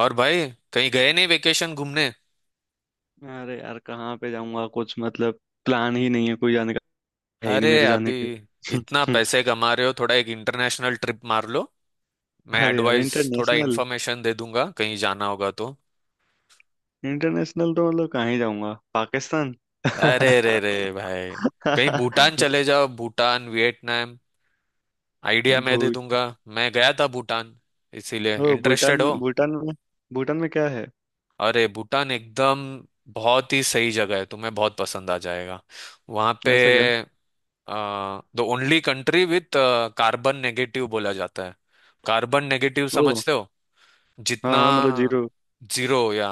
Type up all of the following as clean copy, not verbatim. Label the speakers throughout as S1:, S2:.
S1: और भाई कहीं गए नहीं वेकेशन घूमने।
S2: अरे यार कहाँ पे जाऊंगा कुछ मतलब। प्लान ही नहीं है कोई जाने का। है ही
S1: अरे
S2: नहीं मेरे जाने
S1: अभी इतना
S2: के।
S1: पैसे कमा रहे हो, थोड़ा एक इंटरनेशनल ट्रिप मार लो। मैं
S2: अरे यार
S1: एडवाइस थोड़ा
S2: इंटरनेशनल।
S1: इन्फॉर्मेशन दे दूंगा कहीं जाना होगा तो।
S2: इंटरनेशनल तो मतलब कहाँ ही जाऊंगा, पाकिस्तान।
S1: अरे रे रे भाई, कहीं भूटान चले जाओ, भूटान, वियतनाम। आइडिया मैं दे दूंगा।
S2: भूटान।
S1: मैं गया था भूटान, इसीलिए
S2: ओ भूटान
S1: इंटरेस्टेड हो।
S2: में। भूटान में क्या है?
S1: अरे भूटान एकदम बहुत ही सही जगह है, तुम्हें बहुत पसंद आ जाएगा वहाँ पे।
S2: ऐसा क्या?
S1: The only country with carbon negative बोला जाता है। कार्बन नेगेटिव
S2: ओ
S1: समझते हो।
S2: हाँ
S1: जितना
S2: हाँ, मतलब जीरो।
S1: जीरो या,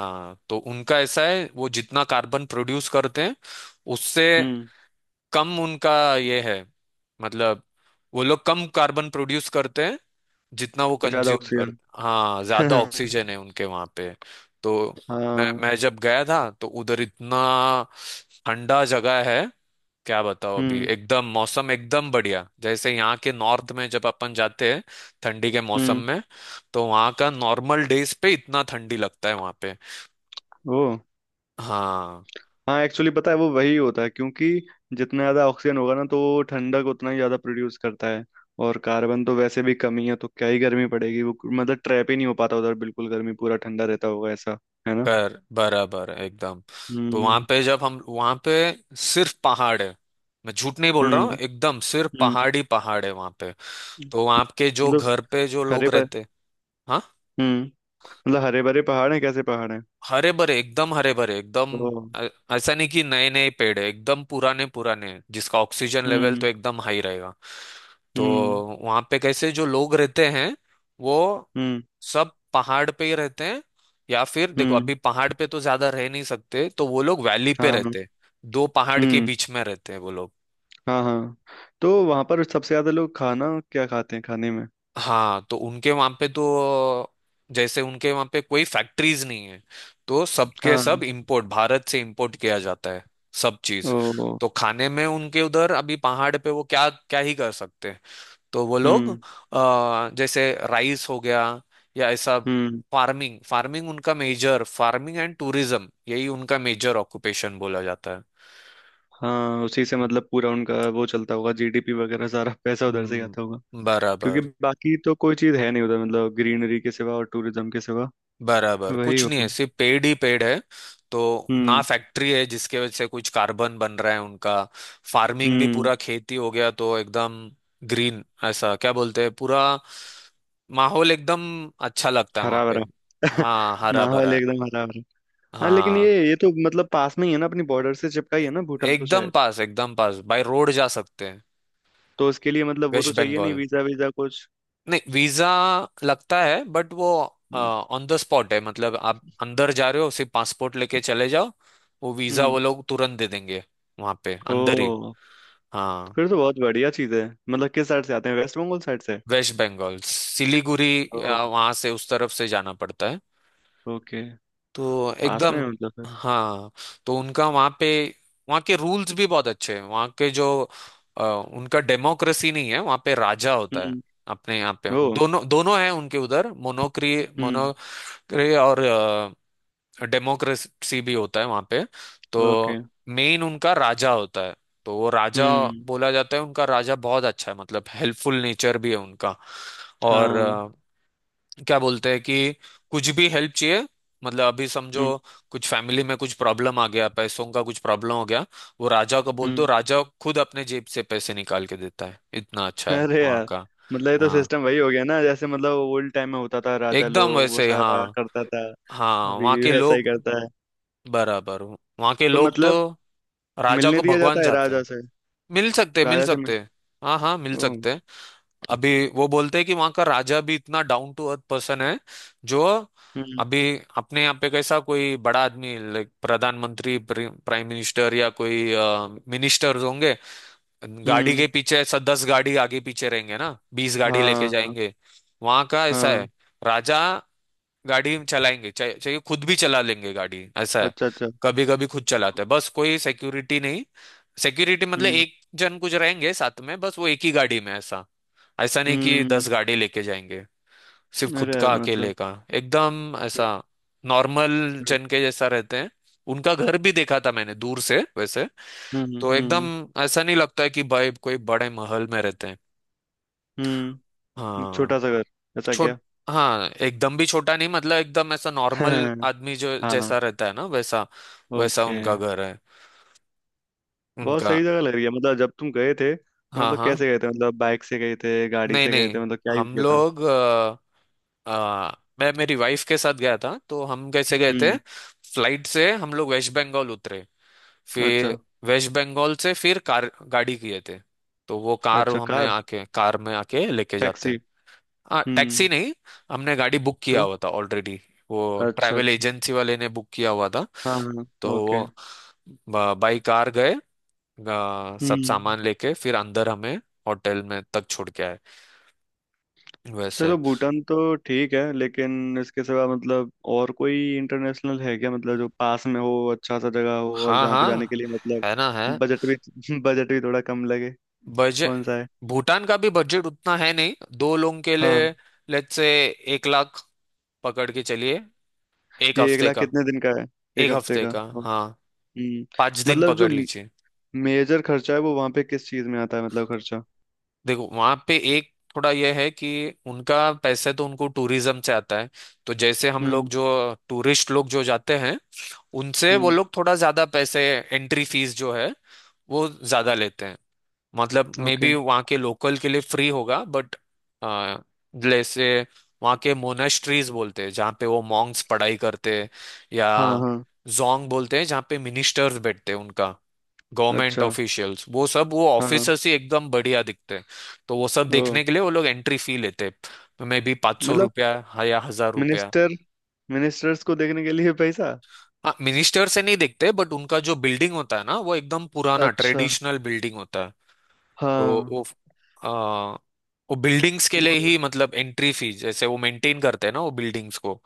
S1: तो उनका ऐसा है, वो जितना कार्बन प्रोड्यूस करते हैं उससे
S2: हम्म।
S1: कम उनका, ये है, मतलब वो लोग कम कार्बन प्रोड्यूस करते हैं जितना वो
S2: ज्यादा
S1: कंज्यूम करते,
S2: ऑक्सीजन।
S1: हाँ ज्यादा ऑक्सीजन है उनके वहां पे। तो मैं
S2: हाँ।
S1: मैं जब गया था तो उधर इतना ठंडा जगह है, क्या बताओ अभी
S2: हम्म।
S1: एकदम मौसम एकदम बढ़िया, जैसे यहाँ के नॉर्थ में जब अपन जाते हैं ठंडी के मौसम
S2: हम्म।
S1: में, तो वहाँ का नॉर्मल डेज पे इतना ठंडी लगता है वहाँ पे।
S2: ओ
S1: हाँ,
S2: हाँ, एक्चुअली पता है वो वही होता है, क्योंकि जितना ज्यादा ऑक्सीजन होगा ना तो वो ठंडक उतना ही ज्यादा प्रोड्यूस करता है। और कार्बन तो वैसे भी कमी है तो क्या ही गर्मी पड़ेगी वो, मतलब ट्रैप ही नहीं हो पाता उधर बिल्कुल गर्मी, पूरा ठंडा रहता होगा ऐसा। है ना।
S1: कर बराबर एकदम। तो वहां
S2: हम्म।
S1: पे जब हम वहां पे सिर्फ पहाड़ है, मैं झूठ नहीं बोल रहा हूँ,
S2: हम्म।
S1: एकदम सिर्फ
S2: हम्म।
S1: पहाड़ी पहाड़ है वहां पे। तो वहां के जो
S2: मतलब
S1: घर पे जो
S2: हरे
S1: लोग
S2: पर।
S1: रहते, हाँ
S2: हम्म। मतलब हरे भरे पहाड़ हैं? कैसे पहाड़ हैं?
S1: हरे भरे, एकदम हरे भरे एकदम।
S2: तो
S1: ऐसा नहीं कि नए नए पेड़ है, एकदम पुराने पुराने हैं, जिसका ऑक्सीजन लेवल तो
S2: हम्म।
S1: एकदम हाई रहेगा। तो
S2: हम्म।
S1: वहां पे कैसे जो लोग रहते हैं, वो
S2: हम्म।
S1: सब पहाड़ पे ही रहते हैं। या फिर देखो
S2: हम्म।
S1: अभी पहाड़ पे तो ज्यादा रह नहीं सकते, तो वो लोग वैली पे
S2: हाँ।
S1: रहते हैं। दो पहाड़ के
S2: हम्म।
S1: बीच में रहते हैं वो लोग।
S2: हाँ हाँ। तो वहां पर सबसे ज्यादा लोग खाना क्या खाते हैं खाने में?
S1: हाँ तो उनके वहां पे तो, जैसे उनके वहां पे कोई फैक्ट्रीज नहीं है, तो सबके सब
S2: हाँ।
S1: इंपोर्ट, भारत से इंपोर्ट किया जाता है सब
S2: ओ।
S1: चीज। तो खाने में उनके उधर अभी पहाड़ पे वो क्या क्या ही कर सकते हैं, तो वो लोग
S2: हम्म।
S1: जैसे राइस हो गया या ऐसा।
S2: हम्म।
S1: फार्मिंग फार्मिंग उनका मेजर, फार्मिंग एंड टूरिज्म, यही उनका मेजर ऑक्यूपेशन बोला जाता है।
S2: हाँ उसी से मतलब पूरा उनका वो चलता होगा, जीडीपी वगैरह सारा, पैसा उधर से ही आता होगा।
S1: हम्म,
S2: क्योंकि
S1: बराबर।
S2: बाकी तो कोई चीज है नहीं उधर, मतलब ग्रीनरी के सिवा और टूरिज्म के सिवा।
S1: बराबर
S2: वही
S1: कुछ नहीं है,
S2: होगा।
S1: सिर्फ पेड़ ही पेड़ है। तो ना
S2: हम्म।
S1: फैक्ट्री है जिसके वजह से कुछ कार्बन बन रहा है उनका, फार्मिंग भी
S2: हम्म।
S1: पूरा खेती हो गया तो एकदम ग्रीन, ऐसा क्या बोलते हैं, पूरा माहौल एकदम अच्छा लगता है
S2: हरा
S1: वहां पे।
S2: भरा।
S1: हाँ हरा
S2: माहौल
S1: भरा।
S2: एकदम हरा भरा। हाँ लेकिन ये
S1: हाँ
S2: ये तो मतलब पास में ही है ना, अपनी बॉर्डर से चिपका ही
S1: ए-
S2: है ना भूटान तो
S1: एकदम
S2: शायद।
S1: पास, एकदम पास, बाय रोड जा सकते हैं।
S2: तो उसके लिए मतलब वो तो
S1: वेस्ट
S2: चाहिए नहीं,
S1: बंगाल।
S2: वीजा वीजा कुछ।
S1: नहीं, वीजा लगता है, बट वो ऑन द स्पॉट है, मतलब आप अंदर जा रहे हो सिर्फ पासपोर्ट लेके चले जाओ, वो वीजा वो
S2: हम्म।
S1: लोग तुरंत दे देंगे, वहां पे अंदर ही।
S2: ओ।
S1: हाँ।
S2: फिर तो बहुत बढ़िया चीज है। मतलब किस साइड से आते हैं, वेस्ट बंगाल साइड से?
S1: वेस्ट बंगाल सिलीगुड़ी,
S2: ओ।
S1: वहां से उस तरफ से जाना पड़ता है।
S2: ओके।
S1: तो
S2: पास में
S1: एकदम।
S2: है मतलब फिर।
S1: हाँ तो उनका वहाँ पे, वहाँ के रूल्स भी बहुत अच्छे हैं, वहाँ के जो उनका डेमोक्रेसी नहीं है वहाँ पे, राजा होता है।
S2: हम्म।
S1: अपने यहाँ पे
S2: ओ।
S1: दोनों दोनों है, उनके उधर मोनोक्री
S2: हम्म।
S1: मोनोक्री और डेमोक्रेसी भी होता है वहाँ पे। तो
S2: ओके।
S1: मेन उनका राजा होता है, तो वो राजा,
S2: हम्म।
S1: बोला जाता है उनका राजा बहुत अच्छा है, मतलब हेल्पफुल नेचर भी है उनका। और
S2: हाँ।
S1: क्या बोलते हैं कि कुछ भी हेल्प चाहिए, मतलब अभी समझो
S2: हम्म।
S1: कुछ फैमिली में कुछ प्रॉब्लम आ गया, पैसों का कुछ प्रॉब्लम हो गया, वो राजा को बोल
S2: हम्म।
S1: दो, राजा खुद अपने जेब से पैसे निकाल के देता है, इतना अच्छा है
S2: अरे
S1: वहाँ
S2: यार
S1: का।
S2: मतलब ये तो
S1: हाँ
S2: सिस्टम वही हो गया ना, जैसे मतलब ओल्ड टाइम में होता था राजा
S1: एकदम
S2: लोग वो
S1: वैसे,
S2: सारा
S1: हाँ।
S2: करता था।
S1: हाँ
S2: अभी
S1: वहाँ
S2: भी
S1: के
S2: वैसा ही
S1: लोग,
S2: करता है।
S1: बराबर, वहाँ के
S2: तो
S1: लोग तो
S2: मतलब
S1: राजा
S2: मिलने
S1: को
S2: दिया
S1: भगवान
S2: जाता है
S1: जाते
S2: राजा
S1: हैं।
S2: से?
S1: मिल सकते, मिल
S2: राजा से मिल।
S1: सकते, हाँ हाँ मिल
S2: ओ।
S1: सकते। अभी वो बोलते हैं कि वहां का राजा भी इतना डाउन टू अर्थ पर्सन है जो,
S2: हम्म।
S1: अभी अपने यहाँ पे कैसा कोई बड़ा आदमी, लाइक प्रधानमंत्री, प्राइम मिनिस्टर या कोई मिनिस्टर्स होंगे, गाड़ी के
S2: हम्म।
S1: पीछे ऐसा 10 गाड़ी आगे पीछे रहेंगे ना, 20 गाड़ी लेके
S2: हाँ
S1: जाएंगे। वहां का ऐसा
S2: हाँ।
S1: है, राजा गाड़ी चलाएंगे, चाहे चाहे खुद भी चला लेंगे गाड़ी, ऐसा है।
S2: अच्छा अच्छा।
S1: कभी कभी खुद चलाते हैं, बस कोई सिक्योरिटी नहीं, सिक्योरिटी मतलब
S2: हम्म।
S1: एक जन कुछ रहेंगे साथ में, बस वो एक ही गाड़ी में ऐसा। ऐसा नहीं कि
S2: हम्म।
S1: 10 गाड़ी लेके जाएंगे, सिर्फ खुद
S2: अरे
S1: का
S2: यार मतलब।
S1: अकेले का, एकदम ऐसा नॉर्मल
S2: हम्म।
S1: जन के जैसा रहते हैं। उनका घर भी देखा था मैंने दूर से, वैसे
S2: हम्म।
S1: तो एकदम
S2: हम्म।
S1: ऐसा नहीं लगता है कि भाई कोई बड़े महल में रहते हैं।
S2: हम्म,
S1: हाँ।
S2: छोटा सा घर। ऐसा
S1: छोट
S2: क्या।
S1: हाँ एकदम भी छोटा नहीं, मतलब एकदम ऐसा नॉर्मल आदमी जो
S2: हाँ।
S1: जैसा रहता है ना वैसा, वैसा
S2: ओके।
S1: उनका घर है
S2: बहुत
S1: उनका।
S2: सही जगह लग रही है। मतलब जब तुम गए थे,
S1: हाँ
S2: मतलब
S1: हाँ।
S2: कैसे गए थे, मतलब बाइक से गए थे, गाड़ी
S1: नहीं
S2: से गए
S1: नहीं,
S2: थे, मतलब क्या यूज
S1: हम
S2: किया था?
S1: लोग आ, मैं मेरी वाइफ के साथ गया था, तो हम कैसे गए थे,
S2: हम्म।
S1: फ्लाइट से हम लोग वेस्ट बंगाल उतरे,
S2: अच्छा।
S1: फिर वेस्ट बंगाल से फिर कार, गाड़ी किए थे, तो वो कार,
S2: अच्छा
S1: हमने
S2: कार।
S1: आके कार में आके लेके जाते
S2: टैक्सी।
S1: हैं। हाँ टैक्सी
S2: हम्म।
S1: नहीं, हमने गाड़ी बुक किया
S2: तो।
S1: हुआ था ऑलरेडी, वो
S2: अच्छा
S1: ट्रैवल
S2: अच्छा।
S1: एजेंसी वाले ने बुक किया हुआ था।
S2: हाँ हाँ।
S1: तो वो
S2: ओके।
S1: बाई कार गए, सब
S2: हम्म।
S1: सामान लेके फिर अंदर हमें होटल में तक छोड़ के आए वैसे।
S2: चलो भूटान तो ठीक है, लेकिन इसके सिवा मतलब और कोई इंटरनेशनल है क्या, मतलब जो पास में हो, अच्छा सा जगह हो, और
S1: हाँ
S2: जहाँ पे जाने के
S1: हाँ,
S2: लिए
S1: है ना, है
S2: मतलब बजट भी बजट भी थोड़ा कम लगे?
S1: बजट।
S2: कौन सा है?
S1: भूटान का भी बजट उतना है नहीं, दो लोगों के
S2: हाँ।
S1: लिए लेट्स से एक लाख पकड़ के चलिए, एक
S2: ये एक
S1: हफ्ते
S2: लाख
S1: का।
S2: कितने दिन का है? एक
S1: एक
S2: हफ्ते
S1: हफ्ते
S2: का।
S1: का, हाँ पाँच
S2: हम्म।
S1: दिन
S2: मतलब जो
S1: पकड़ लीजिए।
S2: मेजर खर्चा है वो वहां पे किस चीज में आता है, मतलब खर्चा?
S1: देखो वहां पे एक थोड़ा यह है कि उनका पैसे तो उनको टूरिज्म से आता है, तो जैसे हम लोग
S2: हम्म।
S1: जो टूरिस्ट लोग जो जाते हैं, उनसे वो
S2: हम्म।
S1: लोग थोड़ा ज्यादा पैसे, एंट्री फीस जो है वो ज्यादा लेते हैं, मतलब मे
S2: ओके।
S1: बी वहाँ के लोकल के लिए फ्री होगा बट, जैसे वहाँ के मोनेस्ट्रीज बोलते हैं जहाँ पे वो मॉन्क्स पढ़ाई करते हैं, या
S2: हाँ हाँ।
S1: जोंग बोलते हैं जहाँ पे मिनिस्टर्स बैठते हैं उनका, गवर्नमेंट
S2: अच्छा।
S1: ऑफिशियल्स, वो सब, वो
S2: हाँ हाँ,
S1: ऑफिसर्स ही एकदम बढ़िया दिखते हैं। तो वो सब
S2: ओ।
S1: देखने के लिए वो लोग एंट्री फी लेते हैं, मे बी पाँच सौ
S2: मतलब
S1: रुपया हाँ, या हजार रुपया।
S2: मिनिस्टर, मिनिस्टर्स को देखने के लिए पैसा?
S1: हाँ मिनिस्टर से नहीं देखते, बट उनका जो बिल्डिंग होता है ना, वो एकदम पुराना
S2: अच्छा।
S1: ट्रेडिशनल बिल्डिंग होता है। तो
S2: हाँ
S1: वो आ, वो बिल्डिंग्स के
S2: वो
S1: लिए
S2: तो।
S1: ही, मतलब एंट्री फीस, जैसे वो मेंटेन करते हैं ना वो बिल्डिंग्स को,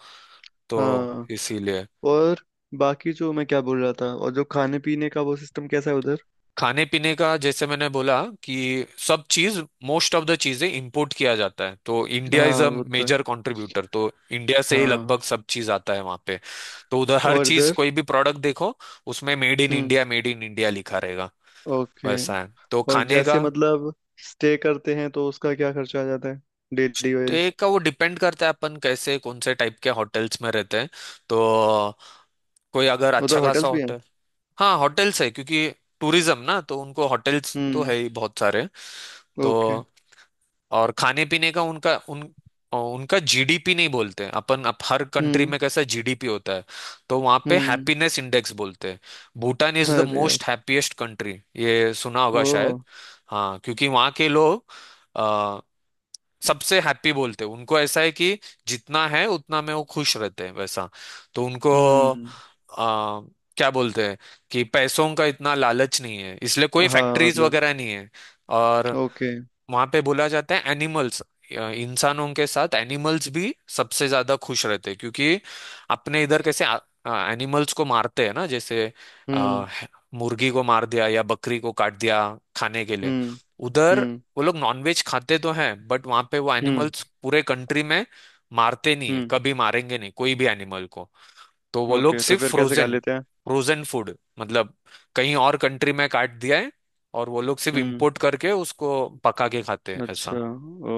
S1: तो
S2: हाँ।
S1: इसीलिए।
S2: और बाकी जो मैं क्या बोल रहा था, और जो खाने पीने का वो सिस्टम कैसा है उधर?
S1: खाने पीने का जैसे मैंने बोला कि सब चीज, मोस्ट ऑफ द चीजें इंपोर्ट किया जाता है, तो इंडिया इज
S2: हाँ
S1: अ
S2: वो तो है।
S1: मेजर कंट्रीब्यूटर, तो इंडिया से ही
S2: हाँ।
S1: लगभग सब चीज आता है वहां पे। तो उधर हर
S2: और
S1: चीज,
S2: इधर।
S1: कोई भी प्रोडक्ट देखो, उसमें मेड इन
S2: हम्म।
S1: इंडिया, मेड इन इंडिया लिखा रहेगा,
S2: ओके।
S1: वैसा है तो
S2: और
S1: खाने
S2: जैसे
S1: का।
S2: मतलब स्टे करते हैं तो उसका क्या खर्चा आ जाता है, डेली
S1: तो
S2: वाइज?
S1: एक का, वो डिपेंड करता है अपन कैसे कौन से टाइप के होटल्स में रहते हैं, तो कोई अगर
S2: उधर
S1: अच्छा खासा
S2: होटल्स भी हैं?
S1: होटल। हाँ होटल्स है, क्योंकि टूरिज्म ना तो उनको होटल्स तो
S2: हम्म।
S1: है ही बहुत सारे। तो
S2: ओके।
S1: और खाने पीने का उनका उन, उनका जीडीपी नहीं बोलते हैं अपन अप, हर कंट्री
S2: हम्म।
S1: में कैसा जीडीपी होता है, तो वहाँ पे
S2: हम्म।
S1: हैप्पीनेस इंडेक्स बोलते हैं। भूटान इज द
S2: अरे
S1: मोस्ट
S2: यार।
S1: हैप्पीएस्ट कंट्री, ये सुना होगा
S2: ओ।
S1: शायद। हाँ क्योंकि वहाँ के लोग सबसे हैप्पी बोलते हैं, उनको ऐसा है कि जितना है उतना में वो खुश रहते हैं वैसा। तो उनको,
S2: हम्म।
S1: आ, क्या बोलते हैं कि पैसों का इतना लालच नहीं है, इसलिए कोई
S2: हाँ
S1: फैक्ट्रीज
S2: मतलब।
S1: वगैरह नहीं है। और
S2: ओके।
S1: वहां पे बोला जाता है एनिमल्स, इंसानों के साथ एनिमल्स भी सबसे ज्यादा खुश रहते हैं, क्योंकि अपने इधर कैसे एनिमल्स को मारते हैं ना, जैसे
S2: हम्म।
S1: आ, ह- मुर्गी को मार दिया या बकरी को काट दिया खाने के लिए।
S2: हम्म।
S1: उधर
S2: हम्म।
S1: वो लोग नॉनवेज खाते तो हैं, बट वहां पे वो
S2: हम्म।
S1: एनिमल्स पूरे कंट्री में मारते नहीं है,
S2: हम्म।
S1: कभी मारेंगे नहीं कोई भी एनिमल को। तो वो लोग
S2: ओके तो
S1: सिर्फ
S2: फिर कैसे खा
S1: फ्रोजन,
S2: लेते हैं?
S1: फ्रोजन फूड, मतलब कहीं और कंट्री में काट दिया है, और वो लोग सिर्फ
S2: हम्म।
S1: इंपोर्ट करके उसको पका के खाते हैं ऐसा।
S2: अच्छा। ओ।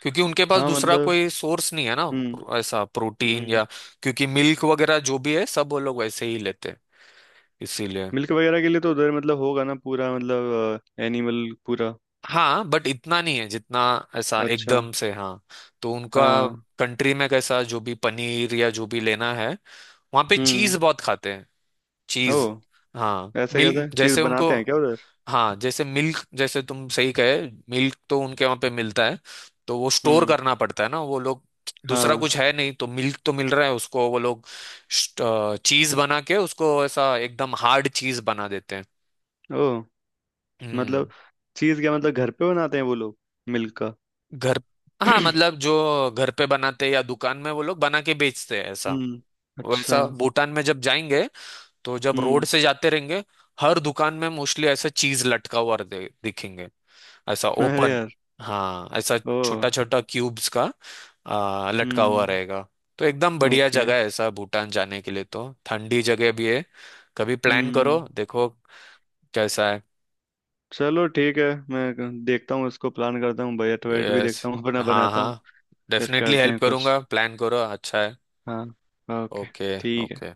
S1: क्योंकि उनके पास
S2: हाँ
S1: दूसरा
S2: मतलब।
S1: कोई सोर्स नहीं है ना,
S2: हम्म।
S1: ऐसा प्रोटीन
S2: हम्म।
S1: या, क्योंकि मिल्क वगैरह जो भी है सब वो लोग वैसे ही लेते हैं, इसीलिए।
S2: मिल्क वगैरह के लिए तो उधर मतलब होगा ना, पूरा मतलब एनिमल पूरा।
S1: हाँ बट इतना नहीं है, जितना ऐसा
S2: अच्छा।
S1: एकदम से, हाँ। तो उनका
S2: हाँ।
S1: कंट्री में कैसा जो भी पनीर या जो भी लेना है, वहाँ पे चीज
S2: हम्म।
S1: बहुत खाते हैं,
S2: ओ।
S1: चीज। हाँ
S2: ऐसे
S1: मिल,
S2: कैसे चीज
S1: जैसे उनको,
S2: बनाते हैं क्या उधर?
S1: हाँ जैसे मिल्क, जैसे तुम सही कहे, मिल्क तो उनके वहां पे मिलता है, तो वो स्टोर
S2: हम्म।
S1: करना पड़ता है ना वो लोग, दूसरा
S2: हाँ।
S1: कुछ है नहीं तो मिल्क तो मिल रहा है उसको, वो लोग चीज बना के उसको ऐसा एकदम हार्ड चीज बना देते हैं।
S2: ओ। मतलब
S1: हम्म।
S2: चीज क्या, मतलब घर पे बनाते हैं वो लोग, मिल्क का?
S1: घर, हाँ मतलब जो घर पे बनाते हैं या दुकान में वो लोग बना के बेचते हैं ऐसा।
S2: हम्म। अच्छा।
S1: वैसा भूटान में जब जाएंगे, तो जब रोड
S2: हम्म।
S1: से जाते रहेंगे, हर दुकान में मोस्टली ऐसा चीज लटका हुआ दिखेंगे, ऐसा
S2: अरे
S1: ओपन।
S2: यार।
S1: हाँ ऐसा
S2: ओ।
S1: छोटा छोटा क्यूब्स का लटका हुआ
S2: हम्म।
S1: रहेगा। तो एकदम बढ़िया
S2: ओके।
S1: जगह है ऐसा, भूटान जाने के लिए, तो ठंडी जगह भी है। कभी प्लान
S2: हम्म।
S1: करो, देखो कैसा है।
S2: चलो ठीक है। देखता हूँ इसको, प्लान करता हूँ, बजट वजट भी
S1: यस,
S2: देखता हूँ अपना
S1: हाँ
S2: बनाता
S1: हाँ,
S2: हूँ। फिर
S1: डेफिनेटली
S2: करते
S1: हेल्प
S2: हैं कुछ।
S1: करूंगा, प्लान करो, अच्छा है।
S2: हाँ। ओके।
S1: ओके।
S2: ठीक है।
S1: ओके।